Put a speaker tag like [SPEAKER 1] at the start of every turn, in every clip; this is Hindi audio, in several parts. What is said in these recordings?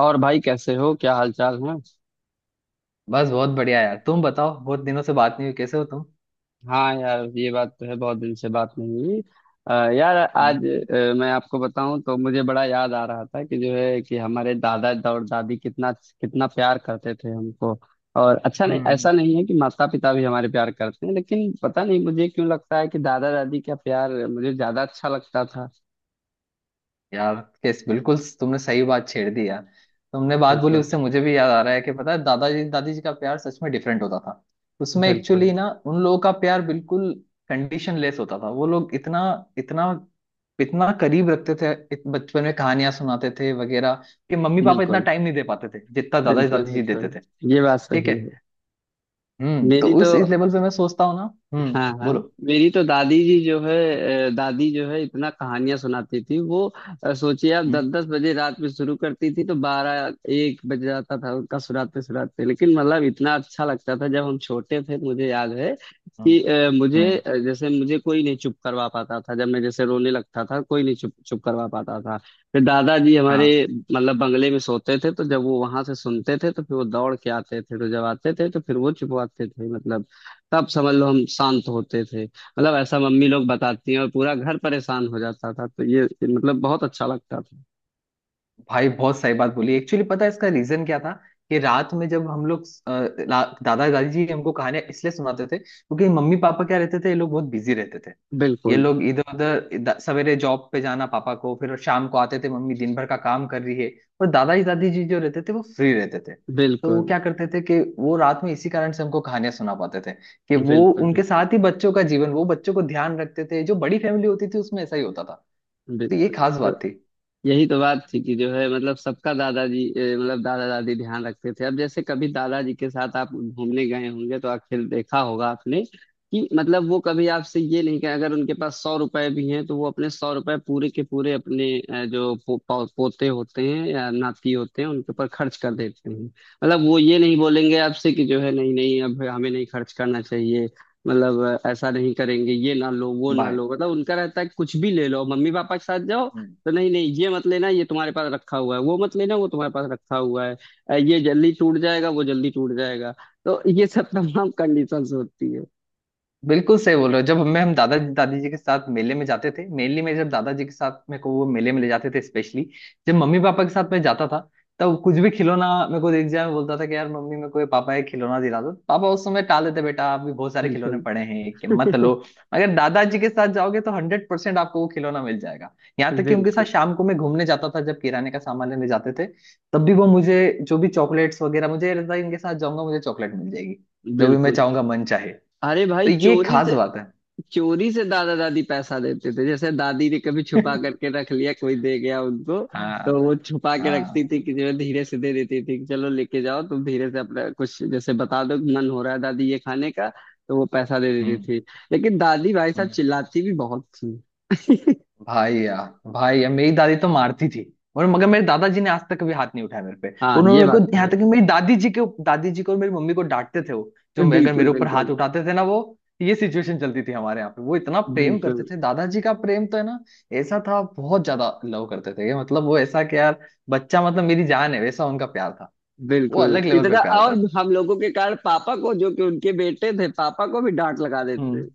[SPEAKER 1] और भाई कैसे हो, क्या हाल चाल है।
[SPEAKER 2] बस बहुत बढ़िया यार। तुम बताओ, बहुत दिनों से बात नहीं हुई, कैसे हो तुम?
[SPEAKER 1] हाँ यार, ये बात तो है, बहुत दिन से बात नहीं हुई। यार आज
[SPEAKER 2] हम्म।
[SPEAKER 1] मैं आपको बताऊं तो मुझे बड़ा याद आ रहा था कि जो है कि हमारे दादा और दादी कितना कितना प्यार करते थे हमको। और अच्छा, नहीं
[SPEAKER 2] हम्म।
[SPEAKER 1] ऐसा नहीं है कि माता पिता भी हमारे प्यार करते हैं, लेकिन पता नहीं मुझे क्यों लगता है कि दादा दादी का प्यार मुझे ज्यादा अच्छा लगता था।
[SPEAKER 2] यार, कैस बिल्कुल तुमने सही बात छेड़ दी यार। तुमने बात बोली,
[SPEAKER 1] बिल्कुल।
[SPEAKER 2] उससे मुझे भी याद आ रहा है कि पता है दादाजी दादी जी का प्यार सच में डिफरेंट होता था। उसमें
[SPEAKER 1] बिल्कुल
[SPEAKER 2] एक्चुअली ना उन लोगों का प्यार बिल्कुल कंडीशन लेस होता था। वो लोग इतना इतना इतना करीब रखते थे, बचपन में कहानियां सुनाते थे वगैरह कि मम्मी पापा इतना
[SPEAKER 1] बिल्कुल।
[SPEAKER 2] टाइम नहीं दे पाते थे जितना दादाजी
[SPEAKER 1] बिल्कुल
[SPEAKER 2] दादी जी देते
[SPEAKER 1] बिल्कुल,
[SPEAKER 2] थे।
[SPEAKER 1] ये बात
[SPEAKER 2] ठीक है।
[SPEAKER 1] सही है।
[SPEAKER 2] हम्म। तो
[SPEAKER 1] मेरी तो।
[SPEAKER 2] उस इस लेवल पे मैं सोचता हूँ ना। हम्म।
[SPEAKER 1] हाँ हाँ।
[SPEAKER 2] बोलो।
[SPEAKER 1] मेरी तो दादी जी जो है, दादी जो है इतना कहानियां सुनाती थी वो। सोचिए आप दस दस बजे रात में शुरू करती थी तो बारह एक बज जाता था उनका सुनाते सुनाते, लेकिन मतलब इतना अच्छा लगता था जब हम छोटे थे, मुझे याद है कि
[SPEAKER 2] हम्म।
[SPEAKER 1] मुझे
[SPEAKER 2] हम्म।
[SPEAKER 1] जैसे मुझे कोई नहीं चुप करवा पाता था, जब मैं जैसे रोने लगता था कोई नहीं चुप चुप करवा पाता था। फिर दादाजी
[SPEAKER 2] हाँ।
[SPEAKER 1] हमारे मतलब बंगले में सोते थे, तो जब वो वहां से सुनते थे तो फिर वो दौड़ के आते थे, तो जब आते थे तो फिर वो चुपवाते थे मतलब। तब समझ लो हम शांत होते थे, मतलब ऐसा मम्मी लोग बताती हैं, और पूरा घर परेशान हो जाता था, तो ये मतलब बहुत अच्छा लगता था।
[SPEAKER 2] भाई बहुत सही बात बोली। एक्चुअली पता है इसका रीजन क्या था कि रात में जब हम लोग दादा दादी जी हमको कहानियां इसलिए सुनाते थे, क्योंकि मम्मी पापा क्या रहते थे, ये लोग बहुत बिजी रहते थे। ये
[SPEAKER 1] बिल्कुल।
[SPEAKER 2] लोग इधर उधर, सवेरे जॉब पे जाना पापा को, फिर शाम को आते थे, मम्मी दिन भर का काम कर रही है। और दादा जी दादी जी जो रहते थे वो फ्री रहते थे। तो वो
[SPEAKER 1] बिल्कुल
[SPEAKER 2] क्या करते थे कि वो रात में इसी कारण से हमको कहानियां सुना पाते थे, कि वो
[SPEAKER 1] बिल्कुल।
[SPEAKER 2] उनके
[SPEAKER 1] बिल्कुल
[SPEAKER 2] साथ ही बच्चों का जीवन, वो बच्चों को ध्यान रखते थे। जो बड़ी फैमिली होती थी उसमें ऐसा ही होता था। तो ये खास
[SPEAKER 1] बिल्कुल।
[SPEAKER 2] बात थी।
[SPEAKER 1] यही तो बात थी कि जो है मतलब सबका दादाजी मतलब दादा दादी ध्यान रखते थे। अब जैसे कभी दादाजी के साथ आप घूमने गए होंगे तो आखिर देखा होगा आपने कि मतलब वो कभी आपसे ये नहीं कहे, अगर उनके पास सौ रुपए भी हैं तो वो अपने सौ रुपए पूरे के पूरे अपने पोते होते हैं या नाती होते हैं उनके ऊपर खर्च कर देते हैं। मतलब वो ये नहीं बोलेंगे आपसे कि जो है नहीं नहीं, अब हमें नहीं खर्च करना चाहिए। मतलब ऐसा नहीं करेंगे ये ना लो वो ना
[SPEAKER 2] बाय।
[SPEAKER 1] लो, मतलब उनका रहता है कुछ भी ले लो मम्मी पापा के साथ जाओ। तो नहीं नहीं ये मत लेना, ये तुम्हारे पास रखा हुआ है, वो मत लेना, वो तुम्हारे पास रखा हुआ है। ये जल्दी टूट जाएगा, वो जल्दी टूट जाएगा। तो ये सब तमाम कंडीशंस होती है।
[SPEAKER 2] बिल्कुल सही बोल रहे हो। जब हमें हम दादा दादी जी के साथ मेले में जाते थे, मेनली मैं, जब दादाजी के साथ मेरे को वो मेले में ले जाते थे स्पेशली, जब मम्मी पापा के साथ मैं जाता था, तब कुछ भी खिलौना मेरे को देख जाए, मैं बोलता था कि यार मम्मी मेरे को ये, पापा ये खिलौना दिला दो। पापा उस समय टाल देते, बेटा अभी बहुत सारे खिलौने
[SPEAKER 1] बिल्कुल।
[SPEAKER 2] पड़े हैं कि मत लो। अगर दादाजी के साथ जाओगे तो 100% आपको वो खिलौना मिल जाएगा। यहाँ तक कि उनके साथ
[SPEAKER 1] बिल्कुल
[SPEAKER 2] शाम को मैं घूमने जाता था, जब किराने का सामान लेने जाते थे, तब भी वो मुझे जो भी चॉकलेट्स वगैरह, मुझे ये रहता है इनके साथ जाऊंगा मुझे चॉकलेट मिल जाएगी, जो भी मैं
[SPEAKER 1] बिल्कुल।
[SPEAKER 2] चाहूंगा मन चाहे।
[SPEAKER 1] अरे भाई,
[SPEAKER 2] तो ये
[SPEAKER 1] चोरी से।
[SPEAKER 2] खास बात है।
[SPEAKER 1] चोरी से दादा दादी पैसा देते थे, जैसे दादी ने कभी छुपा करके रख लिया, कोई दे गया उनको। तो
[SPEAKER 2] हाँ।
[SPEAKER 1] वो छुपा के रखती
[SPEAKER 2] हाँ।
[SPEAKER 1] थी कि जो है धीरे से दे देती थी कि चलो लेके जाओ तुम, धीरे से अपना कुछ जैसे बता दो कि मन हो रहा है दादी ये खाने का, तो वो पैसा दे
[SPEAKER 2] हम्म।
[SPEAKER 1] देती थी। लेकिन दादी भाई साहब
[SPEAKER 2] हम्म।
[SPEAKER 1] चिल्लाती भी बहुत थी।
[SPEAKER 2] भाई यार, भाई यार मेरी दादी तो मारती थी। और मगर मेरे दादाजी ने आज तक कभी हाथ नहीं उठाया मेरे पे।
[SPEAKER 1] हाँ
[SPEAKER 2] उन्होंने
[SPEAKER 1] ये
[SPEAKER 2] मेरे को,
[SPEAKER 1] बात तो
[SPEAKER 2] यहाँ
[SPEAKER 1] है।
[SPEAKER 2] तक कि मेरी दादी जी के, दादी जी को और मेरी मम्मी को डांटते थे वो, जो अगर
[SPEAKER 1] बिल्कुल
[SPEAKER 2] मेरे ऊपर हाथ
[SPEAKER 1] बिल्कुल।
[SPEAKER 2] उठाते थे ना वो। ये सिचुएशन चलती थी हमारे यहाँ पे। वो इतना प्रेम
[SPEAKER 1] बिल्कुल
[SPEAKER 2] करते थे, दादाजी का प्रेम तो है ना, ऐसा था। बहुत ज्यादा लव करते थे ये, मतलब वो ऐसा कि यार बच्चा मतलब मेरी जान है, वैसा उनका प्यार था। वो
[SPEAKER 1] बिल्कुल
[SPEAKER 2] अलग लेवल पे
[SPEAKER 1] इतना,
[SPEAKER 2] प्यार
[SPEAKER 1] और हम लोगों के कारण पापा को, जो कि उनके बेटे थे, पापा को भी डांट लगा
[SPEAKER 2] था।
[SPEAKER 1] देते थे।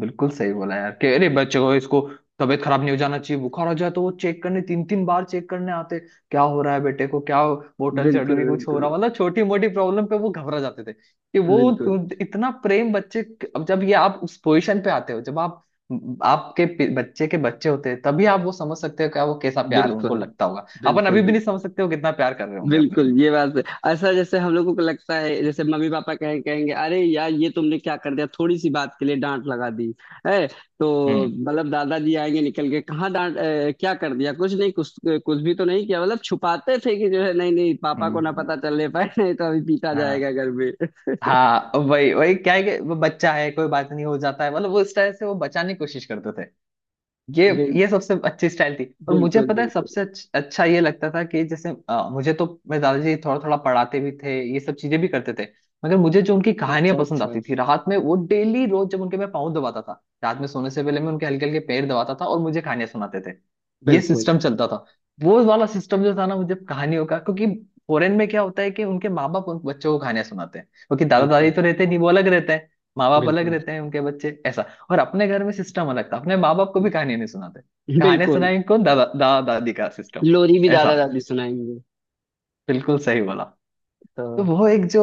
[SPEAKER 2] बिल्कुल सही बोला यार कि अरे बच्चे को, इसको तबीयत खराब नहीं हो जाना चाहिए, बुखार हो जाए तो वो चेक करने, तीन तीन बार चेक करने आते, क्या हो रहा है बेटे को, क्या बोतल चढ़
[SPEAKER 1] बिल्कुल
[SPEAKER 2] रही, कुछ हो
[SPEAKER 1] बिल्कुल
[SPEAKER 2] रहा, मतलब छोटी मोटी प्रॉब्लम पे वो घबरा जाते थे कि वो
[SPEAKER 1] बिल्कुल।
[SPEAKER 2] तो इतना प्रेम बच्चे। अब जब ये आप उस पोजीशन पे आते हो जब आप, बच्चे के बच्चे होते हैं, तभी आप वो समझ सकते हो क्या वो कैसा प्यार उनको
[SPEAKER 1] बिल्कुल।
[SPEAKER 2] लगता होगा। अपन
[SPEAKER 1] बिल्कुल
[SPEAKER 2] अभी भी
[SPEAKER 1] बिल्कुल
[SPEAKER 2] नहीं समझ सकते हो कितना प्यार कर रहे होंगे अपने
[SPEAKER 1] बिल्कुल,
[SPEAKER 2] से।
[SPEAKER 1] ये बात है। ऐसा, जैसे हम लोगों को लगता है जैसे मम्मी पापा कहेंगे अरे यार ये तुमने क्या कर दिया, थोड़ी सी बात के लिए डांट लगा दी है, तो
[SPEAKER 2] हम्म।
[SPEAKER 1] मतलब दादाजी आएंगे निकल के, कहाँ डांट क्या कर दिया, कुछ नहीं, कुछ कुछ भी तो नहीं किया, मतलब छुपाते थे कि जो है, नहीं नहीं पापा
[SPEAKER 2] हम्म।
[SPEAKER 1] को ना
[SPEAKER 2] हम्म।
[SPEAKER 1] पता चलने पाए, नहीं तो अभी पीटा जाएगा
[SPEAKER 2] हाँ।
[SPEAKER 1] घर में।
[SPEAKER 2] हाँ वही वही क्या है कि वो बच्चा है, कोई बात नहीं हो जाता है, मतलब वो उस तरह से वो बचाने की कोशिश करते थे। ये
[SPEAKER 1] बिल,
[SPEAKER 2] ये सबसे अच्छी स्टाइल थी। और मुझे
[SPEAKER 1] बिल्कुल
[SPEAKER 2] पता है
[SPEAKER 1] बिल्कुल।
[SPEAKER 2] सबसे अच्छा ये लगता था कि जैसे मुझे तो मेरे दादाजी थोड़ा थोड़ा पढ़ाते भी थे, ये सब चीजें भी करते थे। मगर मुझे जो उनकी
[SPEAKER 1] अच्छा
[SPEAKER 2] कहानियां पसंद
[SPEAKER 1] अच्छा।
[SPEAKER 2] आती थी रात में, वो डेली रोज जब उनके मैं पाँव दबाता था रात में, सोने से पहले मैं उनके हल्के हल्के पैर दबाता था और मुझे कहानियां सुनाते थे। ये
[SPEAKER 1] बिल्कुल
[SPEAKER 2] सिस्टम चलता था, वो वाला सिस्टम जो था ना मुझे कहानियों का। क्योंकि फॉरेन में क्या होता है कि उनके माँ बाप उन बच्चों को कहानियां सुनाते हैं, क्योंकि दादा
[SPEAKER 1] बिल्कुल।
[SPEAKER 2] दादी तो रहते नहीं, वो अलग रहते हैं, माँ बाप अलग
[SPEAKER 1] बिल्कुल
[SPEAKER 2] रहते हैं, उनके बच्चे ऐसा। और अपने घर में सिस्टम अलग था। अपने माँ बाप को भी कहानियां नहीं सुनाते, कहानियां
[SPEAKER 1] बिल्कुल।
[SPEAKER 2] सुनाई कौन, दादा दादा दादी का सिस्टम।
[SPEAKER 1] लोरी भी
[SPEAKER 2] ऐसा।
[SPEAKER 1] दादा दादी सुनाएंगे।
[SPEAKER 2] बिल्कुल सही बोला। तो
[SPEAKER 1] तो
[SPEAKER 2] वो एक जो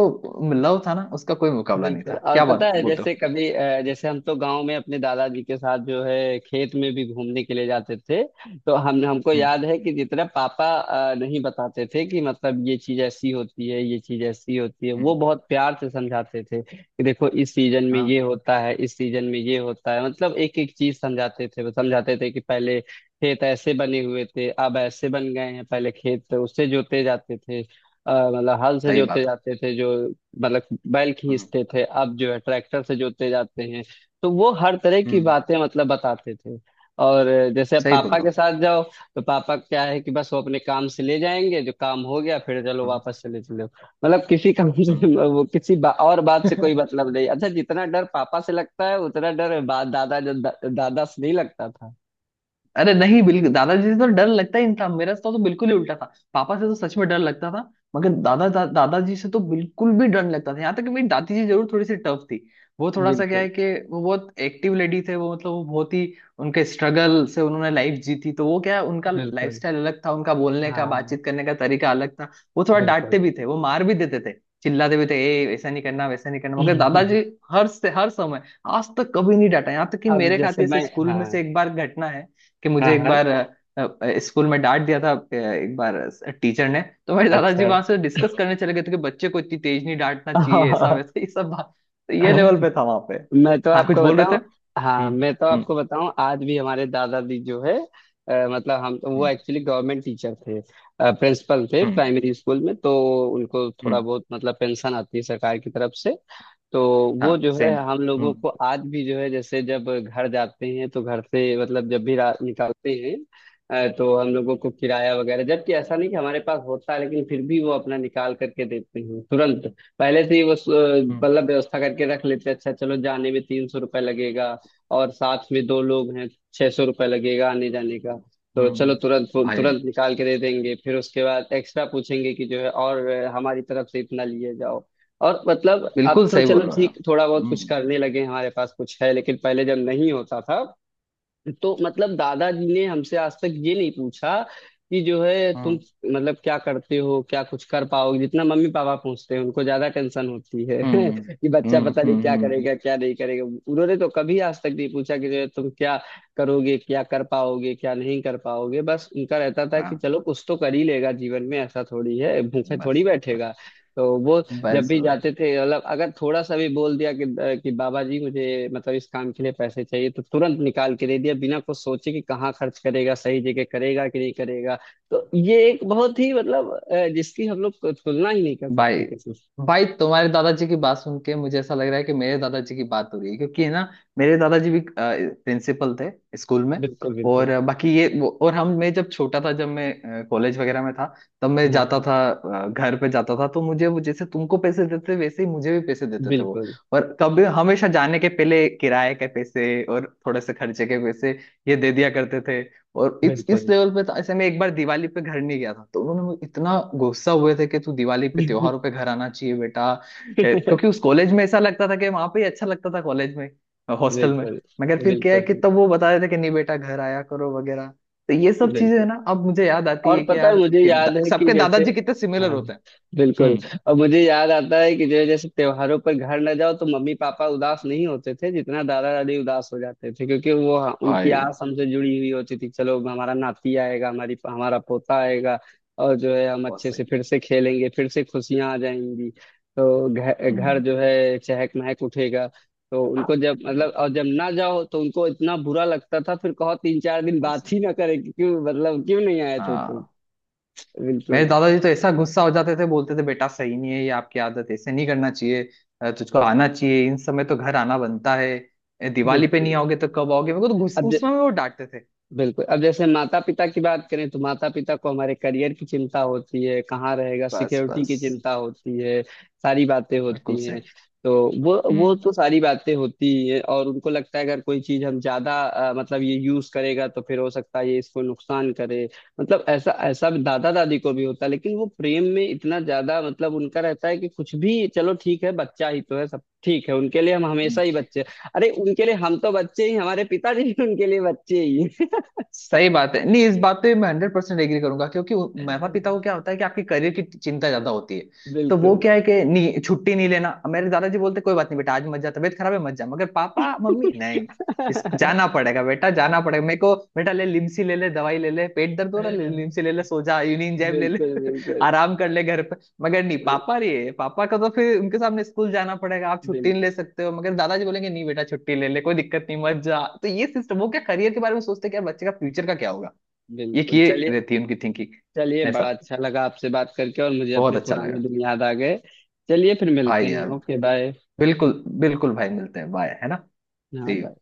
[SPEAKER 2] लव था ना, उसका कोई मुकाबला नहीं
[SPEAKER 1] बिल्कुल।
[SPEAKER 2] था,
[SPEAKER 1] और
[SPEAKER 2] क्या
[SPEAKER 1] पता
[SPEAKER 2] बात
[SPEAKER 1] है
[SPEAKER 2] बोलते
[SPEAKER 1] जैसे
[SPEAKER 2] हो।
[SPEAKER 1] कभी जैसे हम तो गांव में अपने दादाजी के साथ जो है खेत में भी घूमने के लिए जाते थे, तो हम हमको
[SPEAKER 2] हम्म।
[SPEAKER 1] याद है कि जितना पापा नहीं बताते थे कि मतलब ये चीज ऐसी होती है, ये चीज ऐसी होती है,
[SPEAKER 2] हम्म।
[SPEAKER 1] वो बहुत प्यार से समझाते थे कि देखो इस सीजन में ये
[SPEAKER 2] हाँ।
[SPEAKER 1] होता है, इस सीजन में ये होता है, मतलब एक एक चीज समझाते थे। वो समझाते थे कि पहले खेत ऐसे बने हुए थे, अब ऐसे बन गए हैं, पहले खेत उससे जोते जाते थे, मतलब हल से
[SPEAKER 2] सही
[SPEAKER 1] जोते
[SPEAKER 2] बात।
[SPEAKER 1] जाते थे जो मतलब बैल
[SPEAKER 2] हम्म।
[SPEAKER 1] खींचते थे, अब जो है ट्रैक्टर से जोते जाते हैं, तो वो हर तरह की
[SPEAKER 2] हम्म।
[SPEAKER 1] बातें मतलब बताते थे। और जैसे
[SPEAKER 2] सही बोल
[SPEAKER 1] पापा
[SPEAKER 2] रहा।
[SPEAKER 1] के साथ जाओ तो पापा क्या है कि बस वो अपने काम से ले जाएंगे, जो काम हो गया फिर चलो
[SPEAKER 2] हम्म।
[SPEAKER 1] वापस चले, चलो मतलब किसी काम से,
[SPEAKER 2] हम्म।
[SPEAKER 1] वो और बात से कोई
[SPEAKER 2] हूँ।
[SPEAKER 1] मतलब नहीं। अच्छा, जितना डर पापा से लगता है उतना डर दादा से नहीं लगता था।
[SPEAKER 2] अरे नहीं बिल्कुल दादाजी से तो डर लगता ही नहीं था। मेरा तो बिल्कुल ही उल्टा था। पापा से तो सच में डर लगता था, मगर दादाजी से तो बिल्कुल भी डर नहीं लगता था। यहाँ तक कि मेरी दादी जी जरूर थोड़ी सी टफ थी। वो थोड़ा सा क्या
[SPEAKER 1] बिल्कुल
[SPEAKER 2] है कि वो बहुत एक्टिव लेडी थे वो, मतलब वो बहुत ही, उनके स्ट्रगल से उन्होंने लाइफ जीती। तो वो क्या है, उनका लाइफ
[SPEAKER 1] बिल्कुल।
[SPEAKER 2] स्टाइल अलग था, उनका बोलने का
[SPEAKER 1] हाँ
[SPEAKER 2] बातचीत करने का तरीका अलग था। वो थोड़ा डांटते
[SPEAKER 1] बिल्कुल।
[SPEAKER 2] भी थे, वो मार भी देते थे, चिल्लाते भी थे, ए ऐसा नहीं करना वैसा नहीं करना। मगर दादाजी हर समय आज तक कभी नहीं डांटा। यहाँ तक कि
[SPEAKER 1] अब
[SPEAKER 2] मेरे
[SPEAKER 1] जैसे
[SPEAKER 2] खाते से
[SPEAKER 1] मैं।
[SPEAKER 2] स्कूल में
[SPEAKER 1] हाँ
[SPEAKER 2] से एक बार घटना है कि
[SPEAKER 1] हाँ।
[SPEAKER 2] मुझे एक
[SPEAKER 1] हाँ
[SPEAKER 2] बार, स्कूल में डांट दिया था, एक बार टीचर ने। तो मेरे दादाजी
[SPEAKER 1] अच्छा।
[SPEAKER 2] वहां से डिस्कस करने चले गए थे कि बच्चे को इतनी तेज नहीं डांटना चाहिए, ऐसा वैसा ये सब बात। तो ये लेवल पे था वहां पे।
[SPEAKER 1] मैं तो
[SPEAKER 2] हाँ कुछ
[SPEAKER 1] आपको
[SPEAKER 2] बोल रहे
[SPEAKER 1] बताऊं।
[SPEAKER 2] थे।
[SPEAKER 1] हाँ
[SPEAKER 2] हम्म।
[SPEAKER 1] मैं तो
[SPEAKER 2] हम्म।
[SPEAKER 1] आपको बताऊं आज भी हमारे दादाजी जो है, मतलब हम तो वो
[SPEAKER 2] हम्म।
[SPEAKER 1] एक्चुअली गवर्नमेंट टीचर थे, प्रिंसिपल थे
[SPEAKER 2] हम्म।
[SPEAKER 1] प्राइमरी स्कूल में, तो उनको थोड़ा
[SPEAKER 2] हम्म।
[SPEAKER 1] बहुत मतलब पेंशन आती है सरकार की तरफ से। तो
[SPEAKER 2] हाँ
[SPEAKER 1] वो जो है
[SPEAKER 2] सेम।
[SPEAKER 1] हम लोगों
[SPEAKER 2] हम्म।
[SPEAKER 1] को आज भी जो है, जैसे जब घर जाते हैं तो घर से, मतलब जब भी रात निकालते हैं तो हम लोगों को किराया वगैरह, जबकि ऐसा नहीं कि हमारे पास होता है, लेकिन फिर भी वो अपना निकाल करके देते हैं तुरंत, पहले से ही वो
[SPEAKER 2] हम्म।
[SPEAKER 1] मतलब व्यवस्था करके रख लेते हैं, अच्छा चलो जाने में तीन सौ रुपये लगेगा और साथ में दो लोग हैं, छह सौ रुपये लगेगा आने जाने का, तो
[SPEAKER 2] हम्म।
[SPEAKER 1] चलो तुरंत
[SPEAKER 2] भाई
[SPEAKER 1] तुरंत निकाल के दे देंगे, फिर उसके बाद एक्स्ट्रा पूछेंगे कि जो है, और हमारी तरफ से इतना लिए जाओ। और मतलब अब
[SPEAKER 2] बिल्कुल
[SPEAKER 1] तो
[SPEAKER 2] सही बोल
[SPEAKER 1] चलो
[SPEAKER 2] रहे हो
[SPEAKER 1] ठीक
[SPEAKER 2] आप।
[SPEAKER 1] थोड़ा बहुत कुछ
[SPEAKER 2] हम्म।
[SPEAKER 1] करने लगे हैं, हमारे पास कुछ है, लेकिन पहले जब नहीं होता था तो मतलब दादाजी ने हमसे आज तक ये नहीं पूछा कि जो है तुम
[SPEAKER 2] हम्म।
[SPEAKER 1] मतलब क्या करते हो, क्या कुछ कर पाओगे। जितना मम्मी पापा पूछते हैं, उनको ज्यादा टेंशन होती है,
[SPEAKER 2] हम्म।
[SPEAKER 1] कि बच्चा
[SPEAKER 2] हम्म।
[SPEAKER 1] पता नहीं
[SPEAKER 2] हम्म।
[SPEAKER 1] क्या
[SPEAKER 2] हम्म। हम्म।
[SPEAKER 1] करेगा क्या नहीं करेगा। उन्होंने तो कभी आज तक नहीं पूछा कि जो है तुम क्या करोगे, क्या कर पाओगे क्या नहीं कर पाओगे, बस उनका रहता था कि
[SPEAKER 2] हाँ।
[SPEAKER 1] चलो कुछ तो कर ही लेगा जीवन में, ऐसा थोड़ी है भूखे थोड़ी
[SPEAKER 2] बस बस।
[SPEAKER 1] बैठेगा। तो वो जब
[SPEAKER 2] बस
[SPEAKER 1] भी
[SPEAKER 2] बस।
[SPEAKER 1] जाते थे मतलब अगर थोड़ा सा भी बोल दिया कि बाबा जी मुझे मतलब इस काम के लिए पैसे चाहिए, तो तुरंत निकाल के दे दिया बिना कुछ सोचे कि कहाँ खर्च करेगा, सही जगह करेगा कि नहीं करेगा। तो ये एक बहुत ही मतलब जिसकी हम लोग को तुलना ही नहीं कर सकते
[SPEAKER 2] भाई,
[SPEAKER 1] किसी से।
[SPEAKER 2] भाई तुम्हारे दादाजी की बात सुन के मुझे ऐसा लग रहा है कि मेरे दादाजी की बात हो रही है, क्योंकि है ना, मेरे दादाजी भी प्रिंसिपल थे स्कूल में।
[SPEAKER 1] बिल्कुल
[SPEAKER 2] और
[SPEAKER 1] बिल्कुल।
[SPEAKER 2] बाकी और हम मैं जब छोटा था, जब मैं कॉलेज वगैरह में था, तब मैं जाता
[SPEAKER 1] हाँ
[SPEAKER 2] था, घर पे जाता था, तो मुझे वो जैसे तुमको पैसे देते वैसे ही मुझे भी पैसे देते थे वो।
[SPEAKER 1] बिल्कुल
[SPEAKER 2] और कभी हमेशा जाने के पहले किराए के पैसे और थोड़े से खर्चे के पैसे ये दे दिया करते थे। और इस
[SPEAKER 1] बिल्कुल।
[SPEAKER 2] लेवल पे तो ऐसे, मैं एक बार दिवाली पे घर नहीं गया था तो उन्होंने मुझे, इतना गुस्सा हुए थे कि तू दिवाली पे त्योहारों पे घर आना चाहिए बेटा। ए,
[SPEAKER 1] बिल्कुल
[SPEAKER 2] क्योंकि उस कॉलेज में ऐसा लगता था कि वहां पे ही अच्छा लगता था, कॉलेज में, हॉस्टल में। मगर फिर क्या है
[SPEAKER 1] बिल्कुल
[SPEAKER 2] कि तब वो बता रहे थे कि नहीं बेटा घर आया करो वगैरह। तो ये सब चीजें है
[SPEAKER 1] बिल्कुल।
[SPEAKER 2] ना, अब मुझे याद आती
[SPEAKER 1] और
[SPEAKER 2] है कि
[SPEAKER 1] पता है
[SPEAKER 2] यार
[SPEAKER 1] मुझे
[SPEAKER 2] कि
[SPEAKER 1] याद है कि
[SPEAKER 2] सबके
[SPEAKER 1] जैसे।
[SPEAKER 2] दादाजी कितने सिमिलर
[SPEAKER 1] हाँ
[SPEAKER 2] होते हैं।
[SPEAKER 1] बिल्कुल।
[SPEAKER 2] हम्म।
[SPEAKER 1] और मुझे याद आता है कि जो जैसे त्योहारों पर घर न जाओ तो मम्मी पापा उदास नहीं होते थे जितना दादा दादी उदास हो जाते थे, क्योंकि वो हाँ, उनकी
[SPEAKER 2] भाई
[SPEAKER 1] आस हमसे जुड़ी हुई होती थी, चलो हमारा नाती आएगा, हमारी हमारा पोता आएगा और जो है हम
[SPEAKER 2] बहुत
[SPEAKER 1] अच्छे
[SPEAKER 2] सही।
[SPEAKER 1] से फिर से खेलेंगे, फिर से खुशियां आ जाएंगी, तो घर घर
[SPEAKER 2] हम्म।
[SPEAKER 1] जो है चहक महक उठेगा। तो उनको जब मतलब
[SPEAKER 2] भाई
[SPEAKER 1] और जब ना जाओ तो उनको इतना बुरा लगता था, फिर कहो तीन चार दिन
[SPEAKER 2] बहुत
[SPEAKER 1] बात
[SPEAKER 2] सही।
[SPEAKER 1] ही ना करे कि क्यों मतलब क्यों नहीं आए थे तुम।
[SPEAKER 2] हाँ। मेरे
[SPEAKER 1] बिल्कुल
[SPEAKER 2] दादाजी तो ऐसा गुस्सा हो जाते थे, बोलते थे बेटा सही नहीं है ये आपकी आदत, ऐसे नहीं करना चाहिए, तुझको आना चाहिए, इन समय तो घर आना बनता है। ए, दिवाली पे नहीं
[SPEAKER 1] बिल्कुल।
[SPEAKER 2] आओगे तो कब आओगे, मेरे को तो गुस्सा
[SPEAKER 1] अब
[SPEAKER 2] उस
[SPEAKER 1] ज-
[SPEAKER 2] समय वो डांटते थे।
[SPEAKER 1] बिल्कुल, अब जैसे माता पिता की बात करें तो माता पिता को हमारे करियर की चिंता होती है, कहाँ रहेगा
[SPEAKER 2] बस
[SPEAKER 1] सिक्योरिटी की
[SPEAKER 2] बस।
[SPEAKER 1] चिंता होती है, सारी बातें
[SPEAKER 2] बिल्कुल
[SPEAKER 1] होती
[SPEAKER 2] सही।
[SPEAKER 1] हैं। तो वो
[SPEAKER 2] हम्म।
[SPEAKER 1] तो सारी बातें होती ही हैं, और उनको लगता है अगर कोई चीज हम ज्यादा मतलब ये यूज करेगा तो फिर हो सकता है ये इसको नुकसान करे, मतलब ऐसा ऐसा दादा दादी को भी होता है, लेकिन वो प्रेम में इतना ज्यादा मतलब उनका रहता है कि कुछ भी चलो ठीक है, बच्चा ही तो है, सब ठीक है, उनके लिए हम हमेशा ही बच्चे। अरे उनके लिए हम तो बच्चे ही, हमारे पिताजी भी उनके लिए बच्चे ही।
[SPEAKER 2] सही बात है, नहीं इस बात पे मैं 100% एग्री करूंगा, क्योंकि माता पिता को क्या होता है कि आपके करियर की चिंता ज्यादा होती है। तो वो
[SPEAKER 1] बिल्कुल।
[SPEAKER 2] क्या है कि नहीं छुट्टी नहीं लेना, मेरे दादाजी बोलते कोई बात नहीं बेटा आज मत जा, तबीयत खराब है मत जा। मगर पापा मम्मी नहीं, इस जाना पड़ेगा बेटा जाना पड़ेगा, मेरे को बेटा ले लिमसी ले ले, दवाई ले ले, पेट दर्द हो रहा ले
[SPEAKER 1] बिल्कुल
[SPEAKER 2] लिमसी ले ले, सो जा, यूनियन जैब ले ले
[SPEAKER 1] बिल्कुल।
[SPEAKER 2] आराम कर ले घर। मगर नहीं
[SPEAKER 1] बिल,
[SPEAKER 2] पापा लिए, पापा का तो फिर उनके सामने स्कूल जाना पड़ेगा, आप छुट्टी
[SPEAKER 1] बिल,
[SPEAKER 2] नहीं ले सकते हो। मगर दादाजी बोलेंगे नहीं बेटा छुट्टी ले ले कोई दिक्कत नहीं मत जा। तो ये सिस्टम, वो क्या करियर के बारे में सोचते हैं कि यार बच्चे का फ्यूचर का क्या होगा, ये
[SPEAKER 1] बिल्कुल,
[SPEAKER 2] किए
[SPEAKER 1] चलिए।
[SPEAKER 2] रहती है उनकी थिंकिंग।
[SPEAKER 1] चलिए, बड़ा
[SPEAKER 2] ऐसा।
[SPEAKER 1] अच्छा लगा आपसे बात करके, और मुझे
[SPEAKER 2] बहुत
[SPEAKER 1] अपने
[SPEAKER 2] अच्छा
[SPEAKER 1] पुराने
[SPEAKER 2] लगा।
[SPEAKER 1] दिन याद आ गए। चलिए फिर मिलते
[SPEAKER 2] भाई
[SPEAKER 1] हैं,
[SPEAKER 2] यार
[SPEAKER 1] ओके बाय।
[SPEAKER 2] बिल्कुल बिल्कुल। भाई मिलते हैं, बाय है ना।
[SPEAKER 1] हाँ
[SPEAKER 2] See you.
[SPEAKER 1] बाय।